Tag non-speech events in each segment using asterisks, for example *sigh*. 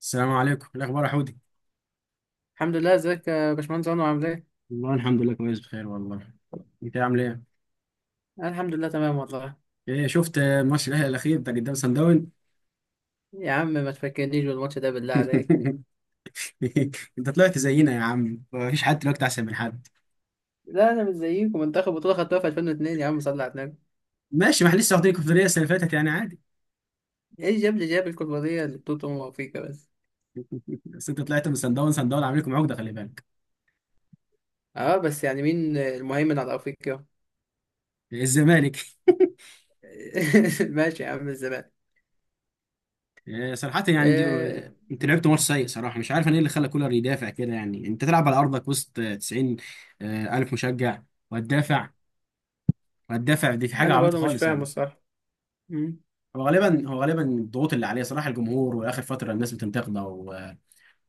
السلام عليكم، إيه الاخبار يا حودي؟ الحمد لله، ازيك يا باشمهندس عمر؟ عامل ايه؟ والله الحمد لله كويس بخير والله. انت عامل ايه؟ أنا الحمد لله تمام والله. ايه شفت ماتش الاهلي الاخير بتاع قدام سان داون؟ يا عم ما تفكرنيش بالماتش ده بالله عليك. *laughs* انت طلعت زينا يا عم، مفيش حد دلوقتي احسن من حد. لا انا مش زيكم، منتخب بطولة خدتوها في 2002، يا عم صلي على النبي. ماشي، ما احنا لسه واخدين الكونفدراليه السنه اللي فاتت يعني عادي. ايه جاب لي الكوبارية اللي بطولة افريقيا بس. بس انت طلعت من سان داون، سان داون عامل لكم عقده خلي بالك. اه بس يعني مين المهيمن على افريقيا؟ إيه، الزمالك. *laughs* ماشي يا عم الزمان. إيه صراحه يعني دي. آه انت لعبت ماتش سيء صراحه، مش عارف انا ايه اللي خلى كولر يدافع كده. يعني انت تلعب على ارضك وسط 90 الف مشجع وهتدافع وهتدافع دي في حاجه انا عبيطه برضه مش خالص فاهم يعني. الصراحة. مم، هو غالبا الضغوط اللي عليه صراحه، الجمهور واخر فتره الناس بتنتقده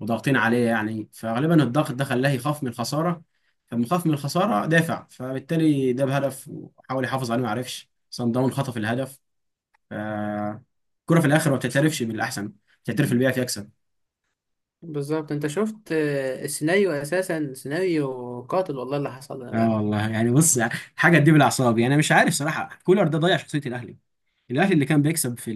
وضاغطين عليه يعني، فغالبا الضغط ده خلاه يخاف من الخساره. فلما خاف من الخساره دافع، فبالتالي جاب هدف وحاول يحافظ عليه، ما عرفش، صن داون خطف الهدف. ف- الكره في الاخر ما بتعترفش بالاحسن، بتعترف اللي بيعرف يكسب. بالظبط انت شفت، السيناريو اساسا سيناريو قاتل، والله اللي حصل لنا ده يا اه عم. والله يعني بص، حاجه تجيب الاعصاب يعني. انا مش عارف صراحه، كولر ده ضيع شخصيه الاهلي. الاهلي اللي كان بيكسب في،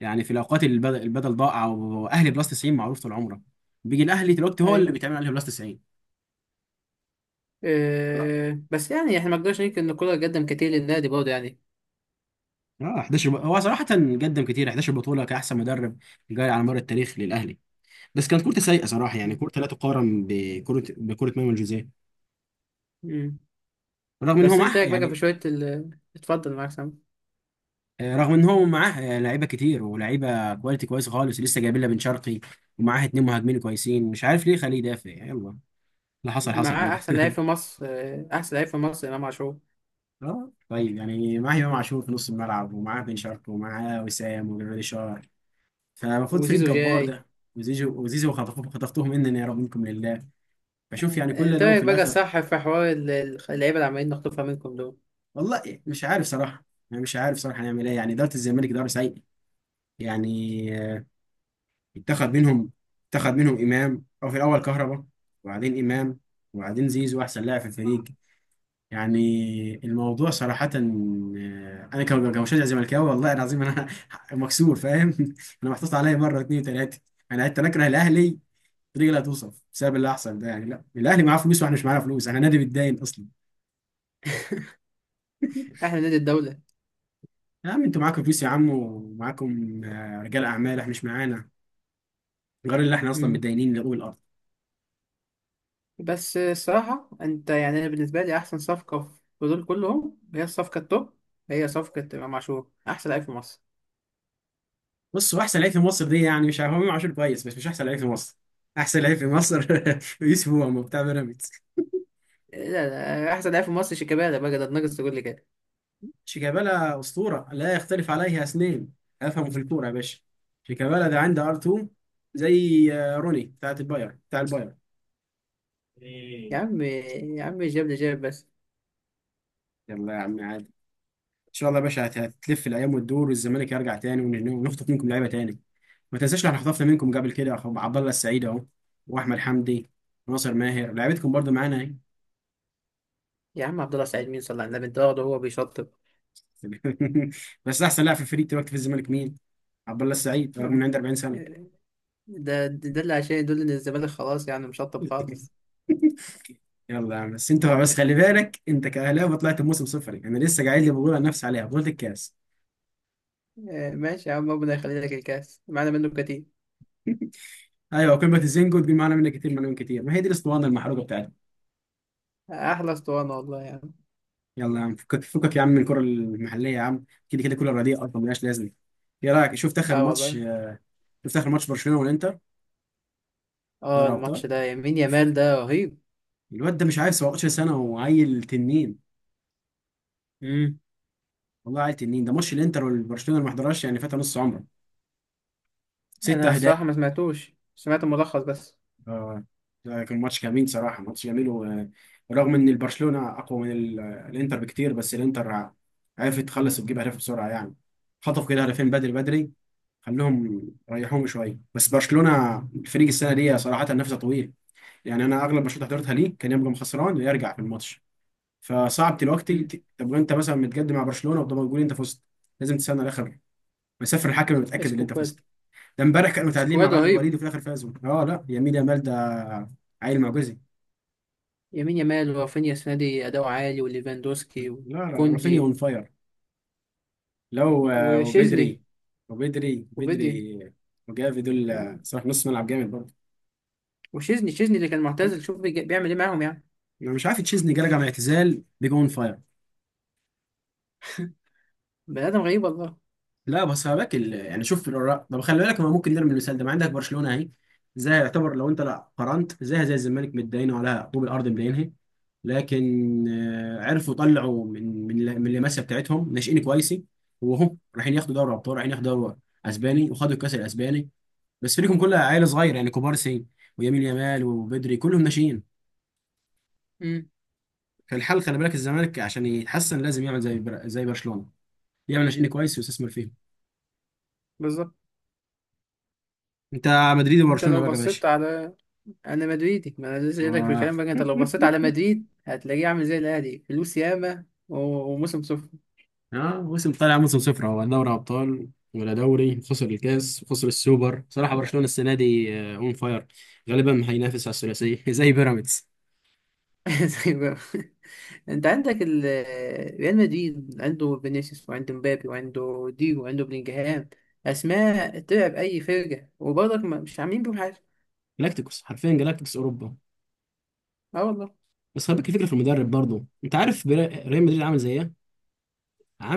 يعني في الاوقات اللي البدل ضاع، او اهلي بلس 90 معروف طول عمره، بيجي الاهلي دلوقتي هو ايوه، اللي بيتعمل عليه بلس 90. آه بس يعني احنا ما نقدرش ننكر ان الكورة قدم كتير للنادي برضه يعني. اه، 11 هو صراحه قدم كتير، 11 بطوله كاحسن مدرب جاري على مر التاريخ للاهلي. بس كانت كورته سيئه صراحه يعني، كورته لا تقارن بكره مانويل جوزيه، مم. رغم ان هو بس انت معاه ايه رايك بقى في يعني. شويه اتفضل معاك سامي. رغم ان هو معاه لعيبه كتير ولعيبه كواليتي كويسه خالص، لسه جايبين لها بن شرقي ومعاه اتنين مهاجمين كويسين، مش عارف ليه خليه يدافع. يلا، اللي حصل حصل معاه احسن بقى. لعيب في مصر، احسن لعيب في مصر امام عاشور. اه طيب، يعني معاه امام عاشور في نص الملعب، ومعاه بن شرقي ومعاه وسام وجرادي شار، فالمفروض فريق وزيزو جبار جاي. ده. وزيزو، وزيزو خطفوه خطفتهم، انني يا رب منكم لله. بشوف يعني آه، كل انت ده وفي رايك بقى الاخر. صح في حوار اللعيبه اللي عمالين نخطفها منكم دول. والله مش عارف صراحه. انا مش عارف صراحه هنعمل ايه، يعني اداره الزمالك اداره سيئه يعني. اتخذ منهم، اتخذ منهم امام، او في الاول كهربا، وبعدين امام، وبعدين زيزو احسن لاعب في الفريق يعني. الموضوع صراحة، أنا كمشجع زملكاوي والله العظيم أنا *laughs* مكسور فاهم *laughs* أنا محطوط عليا مرة اتنين وتلاتة. أنا حتى أكره الأهلي بطريقة لا توصف بسبب اللي حصل ده. يعني لا، الأهلي معاه فلوس وإحنا مش معانا فلوس، إحنا نادي بيتداين أصلا. *laughs* احنا نادي الدوله. يا عم، أنتوا معاكم فلوس يا عم، ومعاكم رجال أعمال، إحنا مش معانا غير اللي إحنا أصلا مم. متداينين لأول الأرض. بس، الصراحه انت يعني انا بالنسبه لي احسن صفقه في دول كلهم هي الصفقه التوب، هي صفقه امام عاشور احسن لعيب في مصر. بصوا، أحسن لعيب في مصر دي يعني مش عارف، هو إمام عاشور كويس بس مش أحسن لعيب في مصر. أحسن لعيب في مصر *laughs* يوسف، هو بتاع بيراميدز. لا لا، احسن لعيب في مصر شيكابالا، بقى ده ناقص تقول لي كده. شيكابالا أسطورة، لا يختلف عليه اثنين. أفهم في الكورة يا باشا، شيكابالا ده عنده ار 2، زي روني، بتاعت الباير بتاع الباير. يا إيه. عم يا عم، جاب لي بس. يلا يا عم عادي، ان شاء الله يا باشا هتلف الايام وتدور، والزمالك يرجع تاني ونخطف منكم لعيبه تاني. ما تنساش، احنا خطفنا منكم قبل كده أخو عبد الله السعيد اهو، واحمد حمدي، وناصر ماهر، لعيبتكم برضو معانا اهي. يا عم عبد الله سعيد مين؟ صلى على النبي انت واخده هو بيشطب. *laughs* بس احسن لاعب في الفريق دلوقتي في الزمالك مين؟ عبد الله السعيد، ده رغم انه عنده 40 سنه. ده اللي عشان يدل ان الزمالك خلاص يعني مشطب خالص. *laughs* يلا يا عم، بس انت بس خلي بالك، انت كاهلاوي طلعت بموسم صفري، انا لسه قاعد لي بقول عن نفسي عليها بطوله الكاس. ماشي يا عم، ربنا يخلي لك الكاس معانا منه كتير. *laughs* ايوه، قمه الزنجو، تجيب معانا منها كتير مليون كتير، ما هي دي الاسطوانه المحروقه بتاعتنا. احلى اسطوانه والله يا عم. يلا يا عم، فكك فكك يا عم من الكره المحليه يا عم، كده كده كل الرديئه اصلا ملهاش لازمه. ايه رايك، شفت اخر اه ماتش؟ والله. شفت اخر ماتش برشلونه والانتر؟ اه دوري ابطال. الماتش ده، يمين يامال ده رهيب. الواد ده مش عارف، 17 سنه وعيل تنين. مم. والله عيل تنين. ده ماتش الانتر والبرشلونه اللي ما حضرهاش يعني فات نص عمره. ست انا اهداف. الصراحه ما سمعتوش، سمعت الملخص بس. اه ده كان ماتش جميل صراحة، ماتش جميل، ورغم ان البرشلونة اقوى من الانتر بكتير، بس الانتر عرفت تخلص وتجيب اهداف بسرعة يعني. خطفوا كده هدفين بدري بدري، خلوهم ريحوهم شوية. بس برشلونة الفريق السنة دي صراحة نفسه طويل يعني، انا اغلب ماتشات حضرتها ليه كان يبقى خسران ويرجع في الماتش. فصعب دلوقتي مم. طب انت مثلا متقدم مع برشلونة وطب تقول انت فزت، لازم تستنى الاخر، مسافر الحكم متأكد ان انت اسكواد. فزت. ده امبارح كانوا متعادلين مع اسكواد بلد الوليد رهيب. وفي الاخر فازوا. اه لا، يمين يامال ده عيل معجزي. يمين يامال ورافينيا السنه دي اداؤه عالي، وليفاندوسكي لا لا، رافينيا اون وكوندي فاير. لو وشيزني وبدري، وبدري وبدي. بدري وجافي، دول آه. صراحة نص ملعب جامد برضه. وشيزني، شيزني اللي كان معتزل شوف بيعمل ايه معاهم يعني. انا مش عارف تشيزني جالك على اعتزال بيجون فاير. بني ادم غريب والله. لا بس خلي بالك يعني شوف الأوراق. طب خلي بالك، ما ممكن نرمي المثال ده، ما عندك برشلونه اهي، زي، يعتبر لو انت لا قارنت زيها زي الزمالك متداينه على طوب الارض مدينها، لكن عرفوا يطلعوا من من اللمسه بتاعتهم، ناشئين كويسين. وهم رايحين ياخدوا دوري ابطال، رايحين ياخدوا دوري اسباني، وخدوا الكاس الاسباني. بس فريقهم كلها عيال صغير يعني، كبار سن ويمين يامال وبدري كلهم ناشئين. فالحل خلي بالك، الزمالك عشان يتحسن لازم يعمل زي زي برشلونه، يعمل ناشئين كويس ويستثمر فيهم. بالظبط. انت مدريد انت وبرشلونه لو بقى يا باشا. بصيت على، انا مدريدي، ما انا لسه جايلك في آه. الكلام. بقى انت لو بصيت على *laughs* مدريد هتلاقيه عامل زي الاهلي، فلوس ياما وموسم صفر. اه موسم، طالع موسم صفر، هو لا دوري ابطال ولا دوري، خسر الكاس، خسر السوبر. صراحه برشلونه السنه دي اون فاير، غالبا هينافس على الثلاثيه *laughs* زي بيراميدز. *laughs* زي ما- انت عندك ريال مدريد عنده فينيسيوس، وعنده مبابي، وعنده ديجو، وعنده بلينجهام. اسماء تلعب اي فرقه وبرضك مش عاملين بيهم حاجه. جلاكتيكوس، حرفيا جلاكتيكوس اوروبا. اه والله. بس خلي بالك الفكره في المدرب برضه، انت عارف ريال مدريد عامل زي ايه؟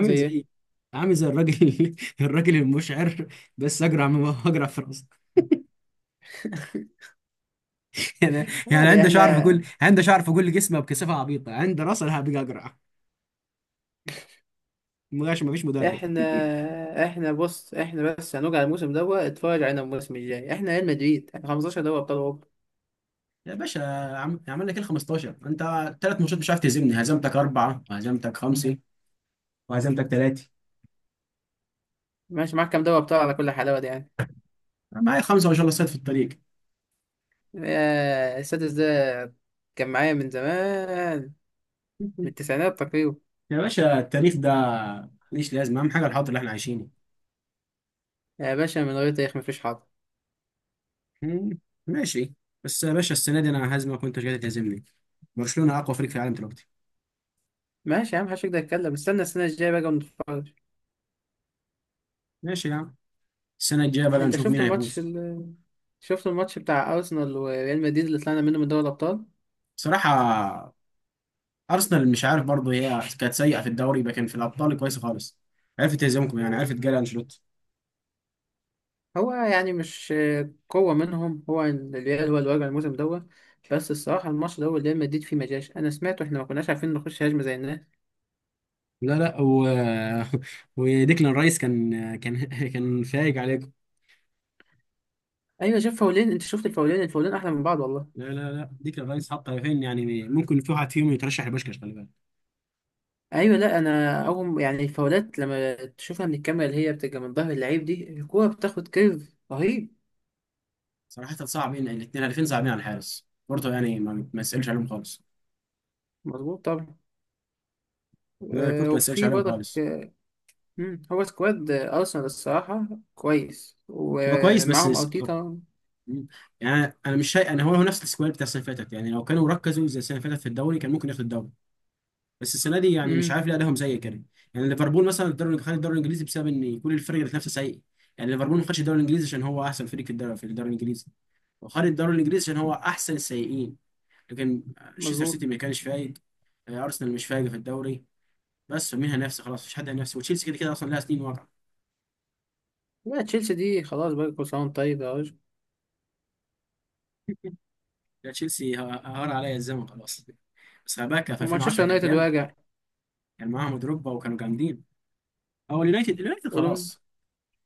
زي ايه؟ زي، عامل زي الراجل *laughs* الراجل المشعر، بس اجرع من اجرع في راسك *laughs* يعني. يعني يعني عنده شعر في احنا، كل، عنده شعر في كل جسمه بكثافه عبيطه، عنده راس انا هبقى اجرع، ما فيش مدرب. احنا، احنا بص، احنا بس هنرجع الموسم دوت اتفرج علينا الموسم الجاي. احنا ريال مدريد، احنا 15 دوري ابطال اوروبا. يا باشا، عملنا كده 15 انت، ثلاث ماتشات مش عارف تهزمني، هزمتك اربعه وهزمتك خمسه وهزمتك ثلاثه. ماشي، معاك كام دواء بتوع على كل حلاوة دي يعني؟ معايا خمسه ما شاء الله، صيد في الطريق. السادس ده كان معايا من زمان، من *laughs* التسعينات تقريبا. يا باشا التاريخ ده ماليش لازمه، اهم حاجه الحاضر اللي احنا عايشينه. يا باشا، من غير تاريخ مفيش حاضر. مم، ماشي. بس يا باشا، السنه دي انا هزمك وانت مش قادر تهزمني، برشلونه اقوى فريق في العالم دلوقتي. ماشي يا عم، محدش يقدر يتكلم، استنى السنة الجاية بقى ونتفرج. ماشي يا عم، السنه الجايه بقى انت نشوف شفت مين الماتش هيفوز. شفت الماتش بتاع أرسنال وريال مدريد اللي طلعنا منه من دوري الأبطال؟ بصراحه ارسنال مش عارف برضه، هي كانت سيئه في الدوري لكن في الابطال كويسه خالص، عرفت تهزمكم يعني، عرفت جاري انشيلوتي. هو يعني مش، قوة منهم، هو الريال هو اللي واجع الموسم دوت. بس الصراحة الماتش ده هو ريال مدريد فيه مجاش، أنا سمعته، إحنا ما كناش عارفين نخش هجمة زي الناس. لا لا *laughs* وديكلان رايس كان *laughs* كان فايق عليكم. أيوة، شاف فاولين؟ أنت شفت الفاولين؟ الفاولين أحلى من بعض والله. لا لا لا، ديكلان رايس حط هدفين يعني، ممكن في واحد فيهم يترشح لبوشكاش خلي بالك. ايوه، لا انا اول يعني الفاولات لما تشوفها من الكاميرا اللي هي بتبقى من ظهر اللعيب، دي الكوره بتاخد كيرف رهيب. صراحة صعبين الاثنين، هدفين صعبين على الحارس بورتو يعني، ما يسألش عليهم خالص. مظبوط طبعا. لا أه، كورتو ما يسألش وفي عليهم برضك، خالص. هو سكواد، ارسنال الصراحه كويس، هو كويس بس ومعاهم ارتيتا. يعني انا مش شايف، انا هو نفس السكواد بتاع السنة اللي فاتت يعني، لو كانوا ركزوا زي السنة اللي فاتت في الدوري كان ممكن ياخد الدوري. بس السنه دي يعني مش مم. عارف ليه ادائهم سيء كده. يعني ليفربول مثلا الدوري، خد الدوري الانجليزي بسبب ان كل الفرق اللي نفسها سيء، يعني ليفربول ما خدش الدوري الانجليزي عشان هو احسن فريق في الدوري، في الدوري الانجليزي وخد الدوري الانجليزي عشان هو احسن السيئين. لكن تشيلسي، مظبوط. سيتي ما كانش فايق، آه، ارسنال مش فايق في الدوري، بس مين هينافسه؟ خلاص مفيش حد هينافسه، وتشيلسي كده كده اصلا لها سنين واقعه. لا تشيلسي دي خلاص بقى، كل سنه وأنت طيب يا راجل. لا تشيلسي هار عليا الزمن خلاص. بس خباكه في ومانشستر 2010 كانت يونايتد جامده، واجع. كان معاهم دروجبا وكانوا جامدين. هو اليونايتد، اليونايتد قولون. خلاص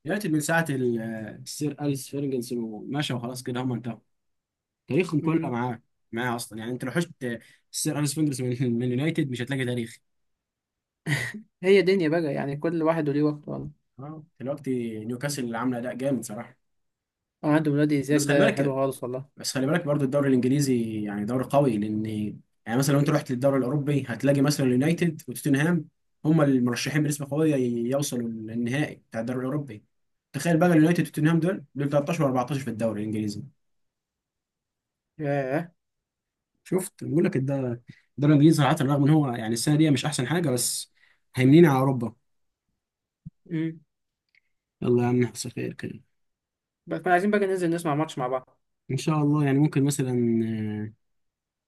دلوقتي، من ساعة السير أليس فيرجنسون ومشى وخلاص كده هم انتهوا. تاريخهم كله معاه، معاه أصلا يعني. أنت لو حشت السير أليس فيرجنسون من يونايتد مش هتلاقي تاريخ. هي دنيا بقى يعني، كل واحد وليه وقت والله. اه دلوقتي نيوكاسل اللي عاملة أداء جامد صراحة. عنده ولاد، إيزاك بس خلي ده حلو بالك خالص والله. بس خلي بالك برضو الدوري الإنجليزي يعني دوري قوي، لأن يعني مثلا لو أنت رحت للدوري الأوروبي هتلاقي مثلا اليونايتد وتوتنهام، هم المرشحين بنسبة قوية يوصلوا للنهائي بتاع الدوري الأوروبي. تخيل بقى اليونايتد وتوتنهام دول 13 و14 في الدوري الإنجليزي. ياه. شفت بقول لك ده، الدوري الانجليزي صراحه رغم ان هو يعني السنه دي مش احسن حاجه، بس هيمنين على اوروبا. مم. يلا يا عم نحصل خير كده. بس كنا عايزين بقى ننزل نسمع ماتش مع بعض. ان شاء الله، يعني ممكن مثلا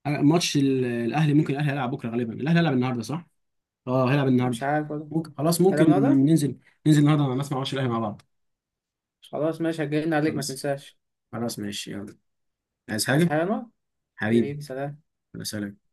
ماتش الاهلي، ممكن الاهلي هيلعب بكره، غالبا الاهلي هيلعب النهارده صح؟ اه هيلعب مش النهارده. عارف والله. ممكن خلاص، هذا ممكن من هذا. ننزل ننزل النهارده مع الناس مع ماتش الاهلي مع بعض. خلاص ماشي، هجينا عليك ما خلاص، تنساش. خلاص ماشي يلا. عايز عايز حاجه. حاجة يا أنور؟ حبيبي، حبيبي، سلام. يلا سلام.